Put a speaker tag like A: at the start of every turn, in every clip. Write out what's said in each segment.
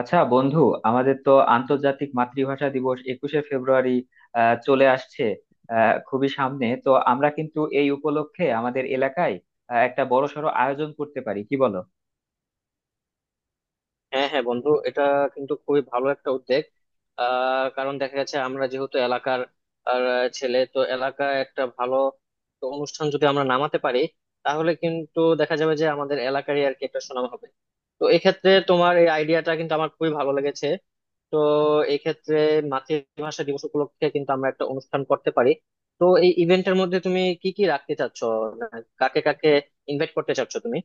A: আচ্ছা বন্ধু, আমাদের তো আন্তর্জাতিক মাতৃভাষা দিবস একুশে ফেব্রুয়ারি চলে আসছে, খুবই সামনে। তো আমরা কিন্তু এই উপলক্ষে আমাদের এলাকায় একটা বড়সড় আয়োজন করতে পারি, কি বলো?
B: হ্যাঁ হ্যাঁ বন্ধু, এটা কিন্তু খুবই ভালো একটা উদ্যোগ। কারণ দেখা যাচ্ছে আমরা যেহেতু এলাকার ছেলে, তো এলাকায় একটা ভালো তো অনুষ্ঠান যদি আমরা নামাতে পারি, তাহলে কিন্তু দেখা যাবে যে আমাদের এলাকারই আর কি একটা সুনাম হবে। তো এক্ষেত্রে তোমার এই আইডিয়াটা কিন্তু আমার খুবই ভালো লেগেছে। তো এক্ষেত্রে মাতৃভাষা দিবস উপলক্ষে কিন্তু আমরা একটা অনুষ্ঠান করতে পারি। তো এই ইভেন্টের মধ্যে তুমি কি কি রাখতে চাচ্ছ? মানে কাকে কাকে ইনভাইট করতে চাচ্ছ তুমি?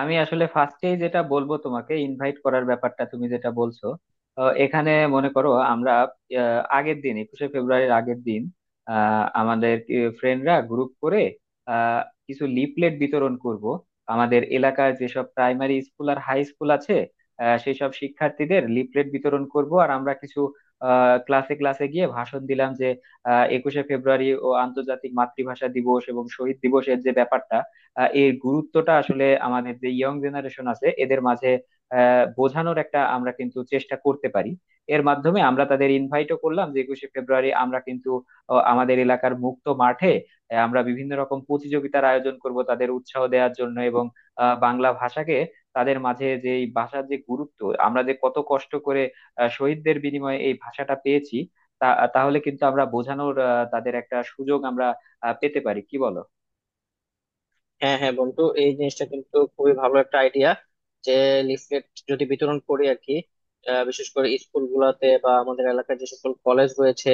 A: আমি আসলে ফার্স্টেই যেটা বলবো, তোমাকে ইনভাইট করার ব্যাপারটা তুমি যেটা বলছো, এখানে মনে করো আমরা আগের দিন, একুশে ফেব্রুয়ারির আগের দিন, আমাদের ফ্রেন্ডরা গ্রুপ করে আহ, কিছু লিফলেট বিতরণ করব। আমাদের এলাকার যেসব প্রাইমারি স্কুল আর হাই স্কুল আছে, সেই সব শিক্ষার্থীদের লিফলেট বিতরণ করব আর আমরা কিছু ক্লাসে ক্লাসে গিয়ে ভাষণ দিলাম যে একুশে ফেব্রুয়ারি ও আন্তর্জাতিক মাতৃভাষা দিবস এবং শহীদ দিবসের যে ব্যাপারটা, এর গুরুত্বটা আসলে আমাদের যে ইয়ং জেনারেশন আছে এদের মাঝে বোঝানোর একটা আমরা কিন্তু চেষ্টা করতে পারি। এর মাধ্যমে আমরা তাদের ইনভাইটও করলাম যে একুশে ফেব্রুয়ারি আমরা কিন্তু আমাদের এলাকার মুক্ত মাঠে আমরা বিভিন্ন রকম প্রতিযোগিতার আয়োজন করব তাদের উৎসাহ দেওয়ার জন্য, এবং বাংলা ভাষাকে তাদের মাঝে, যে এই ভাষার যে গুরুত্ব, আমরা যে কত কষ্ট করে শহীদদের বিনিময়ে এই ভাষাটা পেয়েছি তা, তাহলে কিন্তু আমরা বোঝানোর তাদের একটা সুযোগ আমরা পেতে পারি, কি বলো?
B: হ্যাঁ হ্যাঁ বন্ধু, এই জিনিসটা কিন্তু খুবই ভালো একটা আইডিয়া, যে লিফলেট যদি বিতরণ করি আর কি। বিশেষ করে স্কুল গুলাতে বা আমাদের এলাকার যে সকল কলেজ রয়েছে,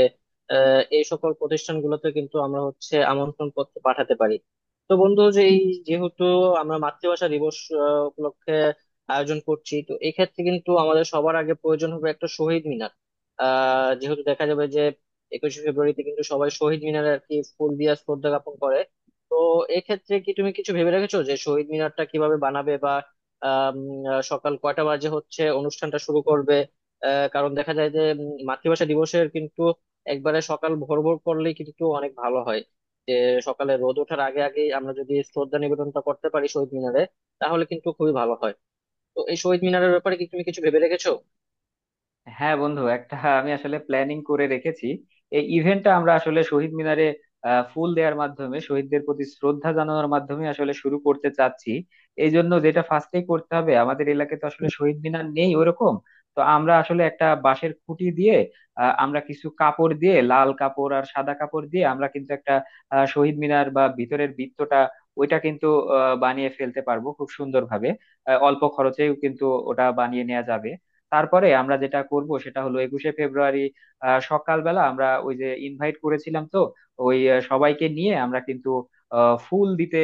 B: এই সকল প্রতিষ্ঠানগুলোতে কিন্তু আমরা হচ্ছে আমন্ত্রণ পত্র পাঠাতে পারি। তো বন্ধু, যে এই যেহেতু আমরা মাতৃভাষা দিবস উপলক্ষে আয়োজন করছি, তো এই ক্ষেত্রে কিন্তু আমাদের সবার আগে প্রয়োজন হবে একটা শহীদ মিনার। যেহেতু দেখা যাবে যে একুশে ফেব্রুয়ারিতে কিন্তু সবাই শহীদ মিনারে আর কি ফুল দিয়ে শ্রদ্ধা জ্ঞাপন করে। তো এক্ষেত্রে কি তুমি কিছু ভেবে রেখেছো যে শহীদ মিনারটা কিভাবে বানাবে বা আম, সকাল কয়টা বাজে হচ্ছে অনুষ্ঠানটা শুরু করবে? কারণ দেখা যায় যে মাতৃভাষা দিবসের কিন্তু একবারে সকাল ভোর ভোর করলেই কিন্তু অনেক ভালো হয়, যে সকালে রোদ ওঠার আগে আগেই আমরা যদি শ্রদ্ধা নিবেদনটা করতে পারি শহীদ মিনারে, তাহলে কিন্তু খুবই ভালো হয়। তো এই শহীদ মিনারের ব্যাপারে কি তুমি কিছু ভেবে রেখেছো?
A: হ্যাঁ বন্ধু, একটা আমি আসলে প্ল্যানিং করে রেখেছি। এই ইভেন্টটা আমরা আসলে শহীদ মিনারে ফুল দেওয়ার মাধ্যমে, শহীদদের প্রতি শ্রদ্ধা জানানোর মাধ্যমে আসলে শুরু করতে চাচ্ছি। এই জন্য যেটা ফার্স্টে করতে হবে, আমাদের এলাকায় তো আসলে শহীদ মিনার নেই ওরকম, তো আমরা আসলে একটা বাঁশের খুঁটি দিয়ে আমরা কিছু কাপড় দিয়ে, লাল কাপড় আর সাদা কাপড় দিয়ে আমরা কিন্তু একটা শহীদ মিনার বা ভিতরের বৃত্তটা ওইটা কিন্তু বানিয়ে ফেলতে পারবো খুব সুন্দরভাবে। অল্প খরচেও কিন্তু ওটা বানিয়ে নেওয়া যাবে। তারপরে আমরা যেটা করব সেটা হলো একুশে ফেব্রুয়ারি সকালবেলা আমরা ওই যে ইনভাইট করেছিলাম তো, ওই সবাইকে নিয়ে আমরা কিন্তু ফুল দিতে,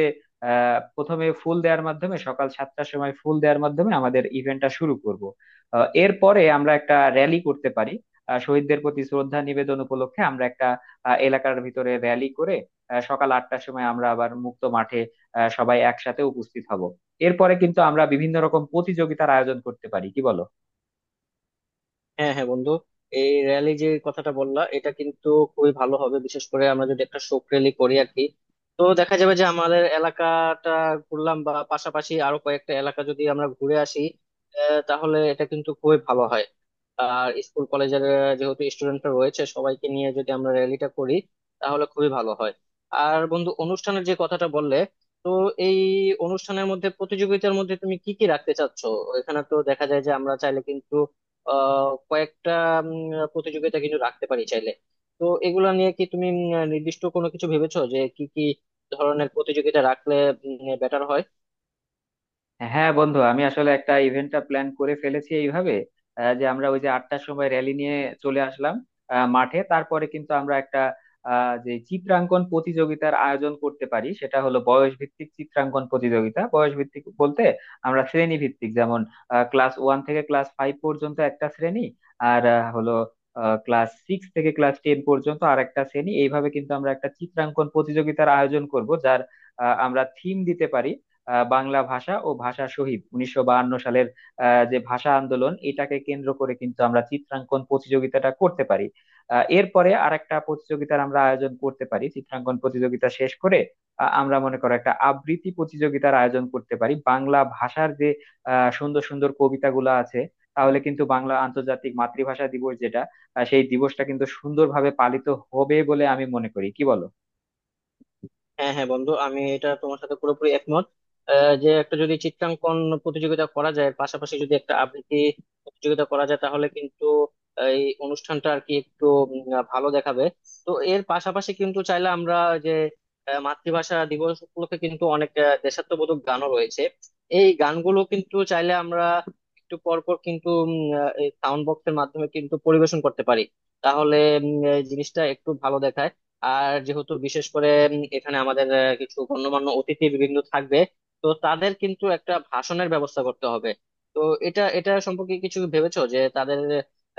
A: প্রথমে ফুল দেওয়ার মাধ্যমে, সকাল 7টার সময় ফুল দেওয়ার মাধ্যমে আমাদের ইভেন্টটা শুরু করব। এরপরে আমরা একটা র্যালি করতে পারি, শহীদদের প্রতি শ্রদ্ধা নিবেদন উপলক্ষে আমরা একটা এলাকার ভিতরে র্যালি করে সকাল 8টার সময় আমরা আবার মুক্ত মাঠে সবাই একসাথে উপস্থিত হব। এরপরে কিন্তু আমরা বিভিন্ন রকম প্রতিযোগিতার আয়োজন করতে পারি, কি বলো?
B: হ্যাঁ হ্যাঁ বন্ধু, এই র্যালি যে কথাটা বললা, এটা কিন্তু খুবই ভালো হবে, বিশেষ করে আমরা যদি একটা শোক র্যালি করি আর কি। তো দেখা যাবে যে আমাদের এলাকাটা ঘুরলাম বা পাশাপাশি আরো কয়েকটা এলাকা যদি আমরা ঘুরে আসি, তাহলে এটা কিন্তু খুবই ভালো হয়। আর স্কুল কলেজের যেহেতু স্টুডেন্টরা রয়েছে, সবাইকে নিয়ে যদি আমরা র্যালিটা করি, তাহলে খুবই ভালো হয়। আর বন্ধু, অনুষ্ঠানের যে কথাটা বললে, তো এই অনুষ্ঠানের মধ্যে, প্রতিযোগিতার মধ্যে তুমি কি কি রাখতে চাচ্ছ? এখানে তো দেখা যায় যে আমরা চাইলে কিন্তু কয়েকটা উম, প্রতিযোগিতা কিন্তু রাখতে পারি চাইলে। তো এগুলা নিয়ে কি তুমি নির্দিষ্ট কোনো কিছু ভেবেছো যে কি কি ধরনের প্রতিযোগিতা রাখলে বেটার হয়?
A: হ্যাঁ বন্ধু, আমি আসলে একটা ইভেন্টটা প্ল্যান করে ফেলেছি এইভাবে, যে আমরা ওই যে 8টার সময় র্যালি নিয়ে চলে আসলাম মাঠে, তারপরে কিন্তু আমরা একটা যে চিত্রাঙ্কন প্রতিযোগিতার আয়োজন করতে পারি সেটা হলো বয়স ভিত্তিক চিত্রাঙ্কন প্রতিযোগিতা। বয়স ভিত্তিক বলতে আমরা শ্রেণী ভিত্তিক, যেমন ক্লাস ওয়ান থেকে ক্লাস ফাইভ পর্যন্ত একটা শ্রেণী আর হলো ক্লাস সিক্স থেকে ক্লাস টেন পর্যন্ত আর একটা শ্রেণী। এইভাবে কিন্তু আমরা একটা চিত্রাঙ্কন প্রতিযোগিতার আয়োজন করব, যার আমরা থিম দিতে পারি বাংলা ভাষা ও ভাষা শহীদ, 1952 সালের যে ভাষা আন্দোলন, এটাকে কেন্দ্র করে কিন্তু আমরা চিত্রাঙ্কন প্রতিযোগিতাটা করতে পারি। এরপরে আরেকটা প্রতিযোগিতার আমরা আয়োজন করতে পারি চিত্রাঙ্কন প্রতিযোগিতা শেষ করে। আমরা মনে করো একটা আবৃত্তি প্রতিযোগিতার আয়োজন করতে পারি বাংলা ভাষার যে সুন্দর সুন্দর কবিতাগুলো আছে। তাহলে কিন্তু বাংলা আন্তর্জাতিক মাতৃভাষা দিবস যেটা, সেই দিবসটা কিন্তু সুন্দরভাবে পালিত হবে বলে আমি মনে করি, কি বলো?
B: হ্যাঁ হ্যাঁ বন্ধু, আমি এটা তোমার সাথে পুরোপুরি একমত। যে একটা যদি চিত্রাঙ্কন প্রতিযোগিতা করা যায়, পাশাপাশি যদি একটা আবৃত্তি প্রতিযোগিতা করা যায়, তাহলে কিন্তু এই অনুষ্ঠানটা আর কি একটু ভালো দেখাবে। তো এর পাশাপাশি কিন্তু চাইলে আমরা, যে মাতৃভাষা দিবস উপলক্ষে কিন্তু অনেক দেশাত্মবোধক গানও রয়েছে, এই গানগুলো কিন্তু চাইলে আমরা একটু পর পর কিন্তু এই সাউন্ড বক্সের মাধ্যমে কিন্তু পরিবেশন করতে পারি। তাহলে এই জিনিসটা একটু ভালো দেখায়। আর যেহেতু বিশেষ করে এখানে আমাদের কিছু গণ্যমান্য অতিথি বিভিন্ন থাকবে, তো তাদের কিন্তু একটা ভাষণের ব্যবস্থা করতে হবে। তো এটা এটা সম্পর্কে কিছু ভেবেছো যে তাদের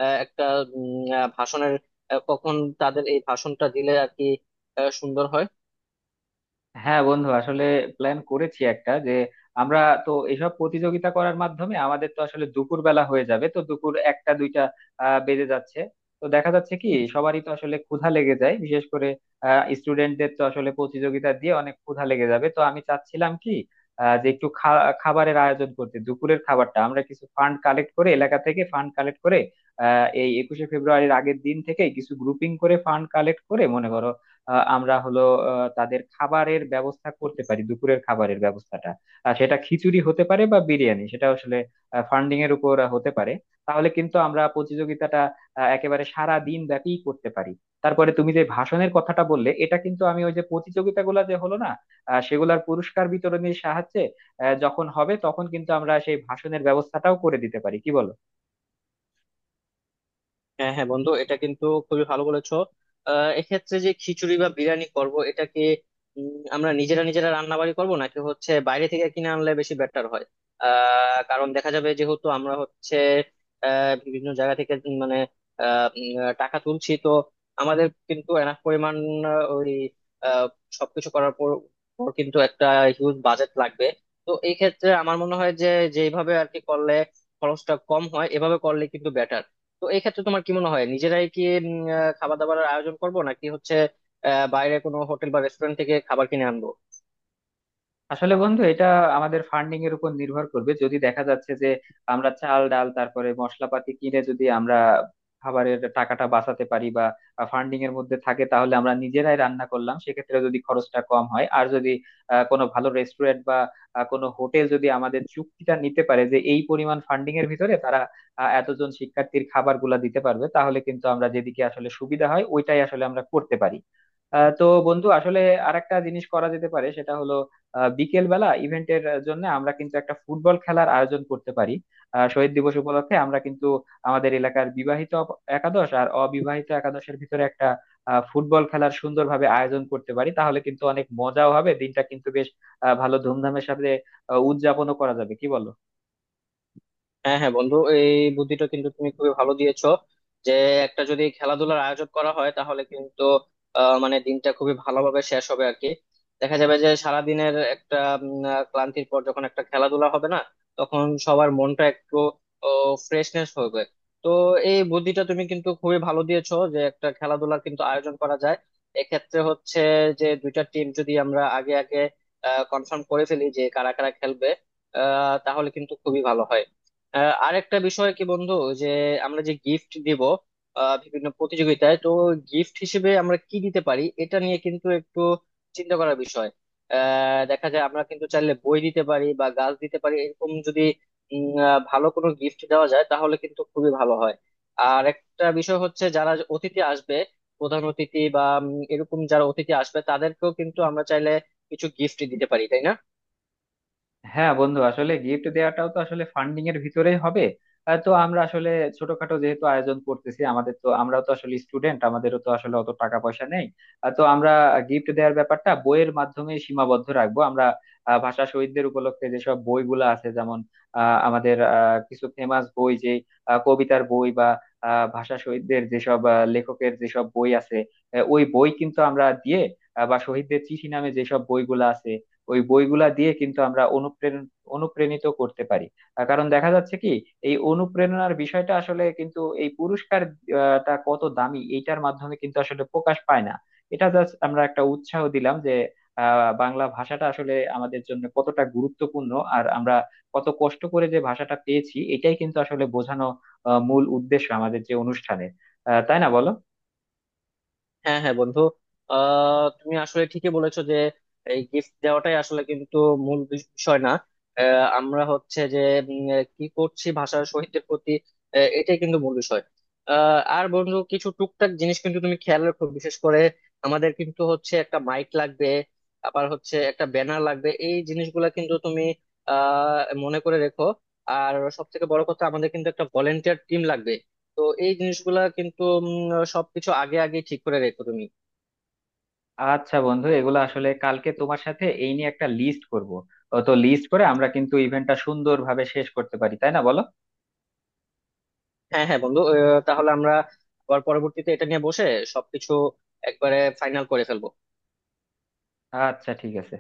B: একটা ভাষণের কখন তাদের এই ভাষণটা দিলে আর কি সুন্দর হয়?
A: হ্যাঁ বন্ধু, আসলে প্ল্যান করেছি একটা যে আমরা তো এইসব প্রতিযোগিতা করার মাধ্যমে আমাদের তো আসলে দুপুর বেলা হয়ে যাবে, তো দুপুর 1টা 2টা বেজে যাচ্ছে। তো দেখা যাচ্ছে কি সবারই তো আসলে ক্ষুধা লেগে যায়, বিশেষ করে স্টুডেন্টদের তো আসলে প্রতিযোগিতা দিয়ে অনেক ক্ষুধা লেগে যাবে। তো আমি চাচ্ছিলাম কি যে একটু খাবারের আয়োজন করতে, দুপুরের খাবারটা আমরা কিছু ফান্ড কালেক্ট করে, এলাকা থেকে ফান্ড কালেক্ট করে এই একুশে ফেব্রুয়ারির আগের দিন থেকে কিছু গ্রুপিং করে ফান্ড কালেক্ট করে, মনে করো আমরা হলো তাদের খাবারের ব্যবস্থা করতে পারি, দুপুরের খাবারের ব্যবস্থাটা। আর সেটা খিচুড়ি হতে পারে বা বিরিয়ানি, সেটা আসলে ফান্ডিং এর উপর হতে পারে। তাহলে কিন্তু আমরা প্রতিযোগিতাটা একেবারে সারা দিন ব্যাপী করতে পারি। তারপরে তুমি যে ভাষণের কথাটা বললে, এটা কিন্তু আমি ওই যে প্রতিযোগিতাগুলো যে হলো না, সেগুলার পুরস্কার বিতরণের সাহায্যে যখন হবে তখন কিন্তু আমরা সেই ভাষণের ব্যবস্থাটাও করে দিতে পারি, কি বলো?
B: হ্যাঁ হ্যাঁ বন্ধু, এটা কিন্তু খুবই ভালো বলেছো। এক্ষেত্রে যে খিচুড়ি বা বিরিয়ানি করব, এটা কি আমরা নিজেরা নিজেরা রান্না বাড়ি করবো নাকি হচ্ছে বাইরে থেকে কিনে আনলে বেশি বেটার হয়? কারণ দেখা যাবে যেহেতু আমরা হচ্ছে বিভিন্ন জায়গা থেকে মানে টাকা তুলছি, তো আমাদের কিন্তু এনাফ পরিমাণ আহ, ওই আহ সবকিছু করার পর পর কিন্তু একটা হিউজ বাজেট লাগবে। তো এই ক্ষেত্রে আমার মনে হয় যে যেভাবে আর কি করলে খরচটা কম হয়, এভাবে করলে কিন্তু বেটার। তো এই ক্ষেত্রে তোমার কি মনে হয়, নিজেরাই কি খাবার দাবার আয়োজন করব নাকি হচ্ছে বাইরে কোনো হোটেল বা রেস্টুরেন্ট থেকে খাবার কিনে আনবো?
A: আসলে বন্ধু এটা আমাদের ফান্ডিং এর উপর নির্ভর করবে। যদি দেখা যাচ্ছে যে আমরা চাল ডাল, তারপরে মশলাপাতি কিনে যদি আমরা খাবারের টাকাটা বাঁচাতে পারি বা ফান্ডিং এর মধ্যে থাকে, তাহলে আমরা নিজেরাই রান্না করলাম, সেক্ষেত্রে যদি খরচটা কম হয়। আর যদি কোনো ভালো রেস্টুরেন্ট বা কোনো হোটেল যদি আমাদের চুক্তিটা নিতে পারে যে এই পরিমাণ ফান্ডিং এর ভিতরে তারা এতজন শিক্ষার্থীর খাবারগুলা দিতে পারবে, তাহলে কিন্তু আমরা যেদিকে আসলে সুবিধা হয় ওইটাই আসলে আমরা করতে পারি। তো বন্ধু আসলে আরেকটা জিনিস করা যেতে পারে, সেটা হলো বিকেল বেলা ইভেন্টের জন্য আমরা কিন্তু একটা ফুটবল খেলার আয়োজন করতে পারি। শহীদ দিবস উপলক্ষে আমরা কিন্তু আমাদের এলাকার বিবাহিত একাদশ আর অবিবাহিত একাদশের ভিতরে একটা ফুটবল খেলার সুন্দরভাবে আয়োজন করতে পারি। তাহলে কিন্তু অনেক মজাও হবে, দিনটা কিন্তু বেশ ভালো ধুমধামের সাথে উদযাপনও করা যাবে, কি বলো?
B: হ্যাঁ হ্যাঁ বন্ধু, এই বুদ্ধিটা কিন্তু তুমি খুবই ভালো দিয়েছো, যে একটা যদি খেলাধুলার আয়োজন করা হয়, তাহলে কিন্তু মানে দিনটা খুবই ভালোভাবে শেষ হবে আর কি। দেখা যাবে যে সারাদিনের একটা ক্লান্তির পর যখন একটা খেলাধুলা হবে না, তখন সবার মনটা একটু ফ্রেশনেস হবে। তো এই বুদ্ধিটা তুমি কিন্তু খুবই ভালো দিয়েছো, যে একটা খেলাধুলা কিন্তু আয়োজন করা যায়। এক্ষেত্রে হচ্ছে যে দুইটা টিম যদি আমরা আগে আগে কনফার্ম করে ফেলি যে কারা কারা খেলবে, তাহলে কিন্তু খুবই ভালো হয়। আরেকটা বিষয় কি বন্ধু, যে আমরা যে গিফট দিব বিভিন্ন প্রতিযোগিতায়, তো গিফট হিসেবে আমরা কি দিতে পারি, এটা নিয়ে কিন্তু একটু চিন্তা করার বিষয়। দেখা যায় আমরা কিন্তু চাইলে বই দিতে পারি বা গাছ দিতে পারি, এরকম যদি ভালো কোনো গিফট দেওয়া যায়, তাহলে কিন্তু খুবই ভালো হয়। আর একটা বিষয় হচ্ছে, যারা যে অতিথি আসবে, প্রধান অতিথি বা এরকম যারা অতিথি আসবে, তাদেরকেও কিন্তু আমরা চাইলে কিছু গিফট দিতে পারি, তাই না?
A: হ্যাঁ বন্ধু, আসলে গিফট দেওয়াটাও তো আসলে ফান্ডিং এর ভিতরেই হবে। তো আমরা আসলে ছোটখাটো যেহেতু আয়োজন করতেছি আমাদের, তো আমরাও তো আসলে স্টুডেন্ট, আমাদেরও তো আসলে অত টাকা পয়সা নেই। তো আমরা গিফট দেওয়ার ব্যাপারটা বইয়ের মাধ্যমে সীমাবদ্ধ রাখবো আমরা। ভাষা শহীদদের উপলক্ষে যেসব বইগুলো আছে, যেমন কিছু ফেমাস বই, যে কবিতার বই বা ভাষা শহীদদের যেসব লেখকের যেসব বই আছে ওই বই কিন্তু আমরা দিয়ে, বা শহীদদের চিঠি নামে যেসব বইগুলো আছে ওই বইগুলা দিয়ে কিন্তু আমরা অনুপ্রাণিত করতে পারি। কারণ দেখা যাচ্ছে কি এই অনুপ্রেরণার বিষয়টা আসলে কিন্তু এই পুরস্কার টা কত দামি, এইটার মাধ্যমে কিন্তু আসলে প্রকাশ পায় না। এটা জাস্ট আমরা একটা উৎসাহ দিলাম যে বাংলা ভাষাটা আসলে আমাদের জন্য কতটা গুরুত্বপূর্ণ, আর আমরা কত কষ্ট করে যে ভাষাটা পেয়েছি, এটাই কিন্তু আসলে বোঝানো মূল উদ্দেশ্য আমাদের যে অনুষ্ঠানে, তাই না বলো?
B: হ্যাঁ হ্যাঁ বন্ধু, তুমি আসলে ঠিকই বলেছো যে এই গিফট দেওয়াটাই আসলে কিন্তু মূল বিষয় না। আমরা হচ্ছে যে কি করছি ভাষার শহীদদের প্রতি, এটাই কিন্তু মূল বিষয়। আর বন্ধু, কিছু টুকটাক জিনিস কিন্তু তুমি খেয়াল রাখো। বিশেষ করে আমাদের কিন্তু হচ্ছে একটা মাইক লাগবে, আবার হচ্ছে একটা ব্যানার লাগবে, এই জিনিসগুলা কিন্তু তুমি আহ মনে করে রেখো। আর সব থেকে বড় কথা, আমাদের কিন্তু একটা ভলেন্টিয়ার টিম লাগবে। তো এই জিনিসগুলা কিন্তু সবকিছু আগে আগে ঠিক করে রেখো তুমি।
A: আচ্ছা বন্ধু, এগুলো আসলে কালকে তোমার সাথে এই নিয়ে একটা লিস্ট করব। তো লিস্ট করে আমরা কিন্তু ইভেন্টটা সুন্দরভাবে শেষ করতে পারি, তাই না বলো?
B: হ্যাঁ হ্যাঁ বন্ধু, তাহলে আমরা আবার পরবর্তীতে এটা নিয়ে বসে সবকিছু একবারে ফাইনাল করে ফেলবো।
A: আচ্ছা ঠিক আছে।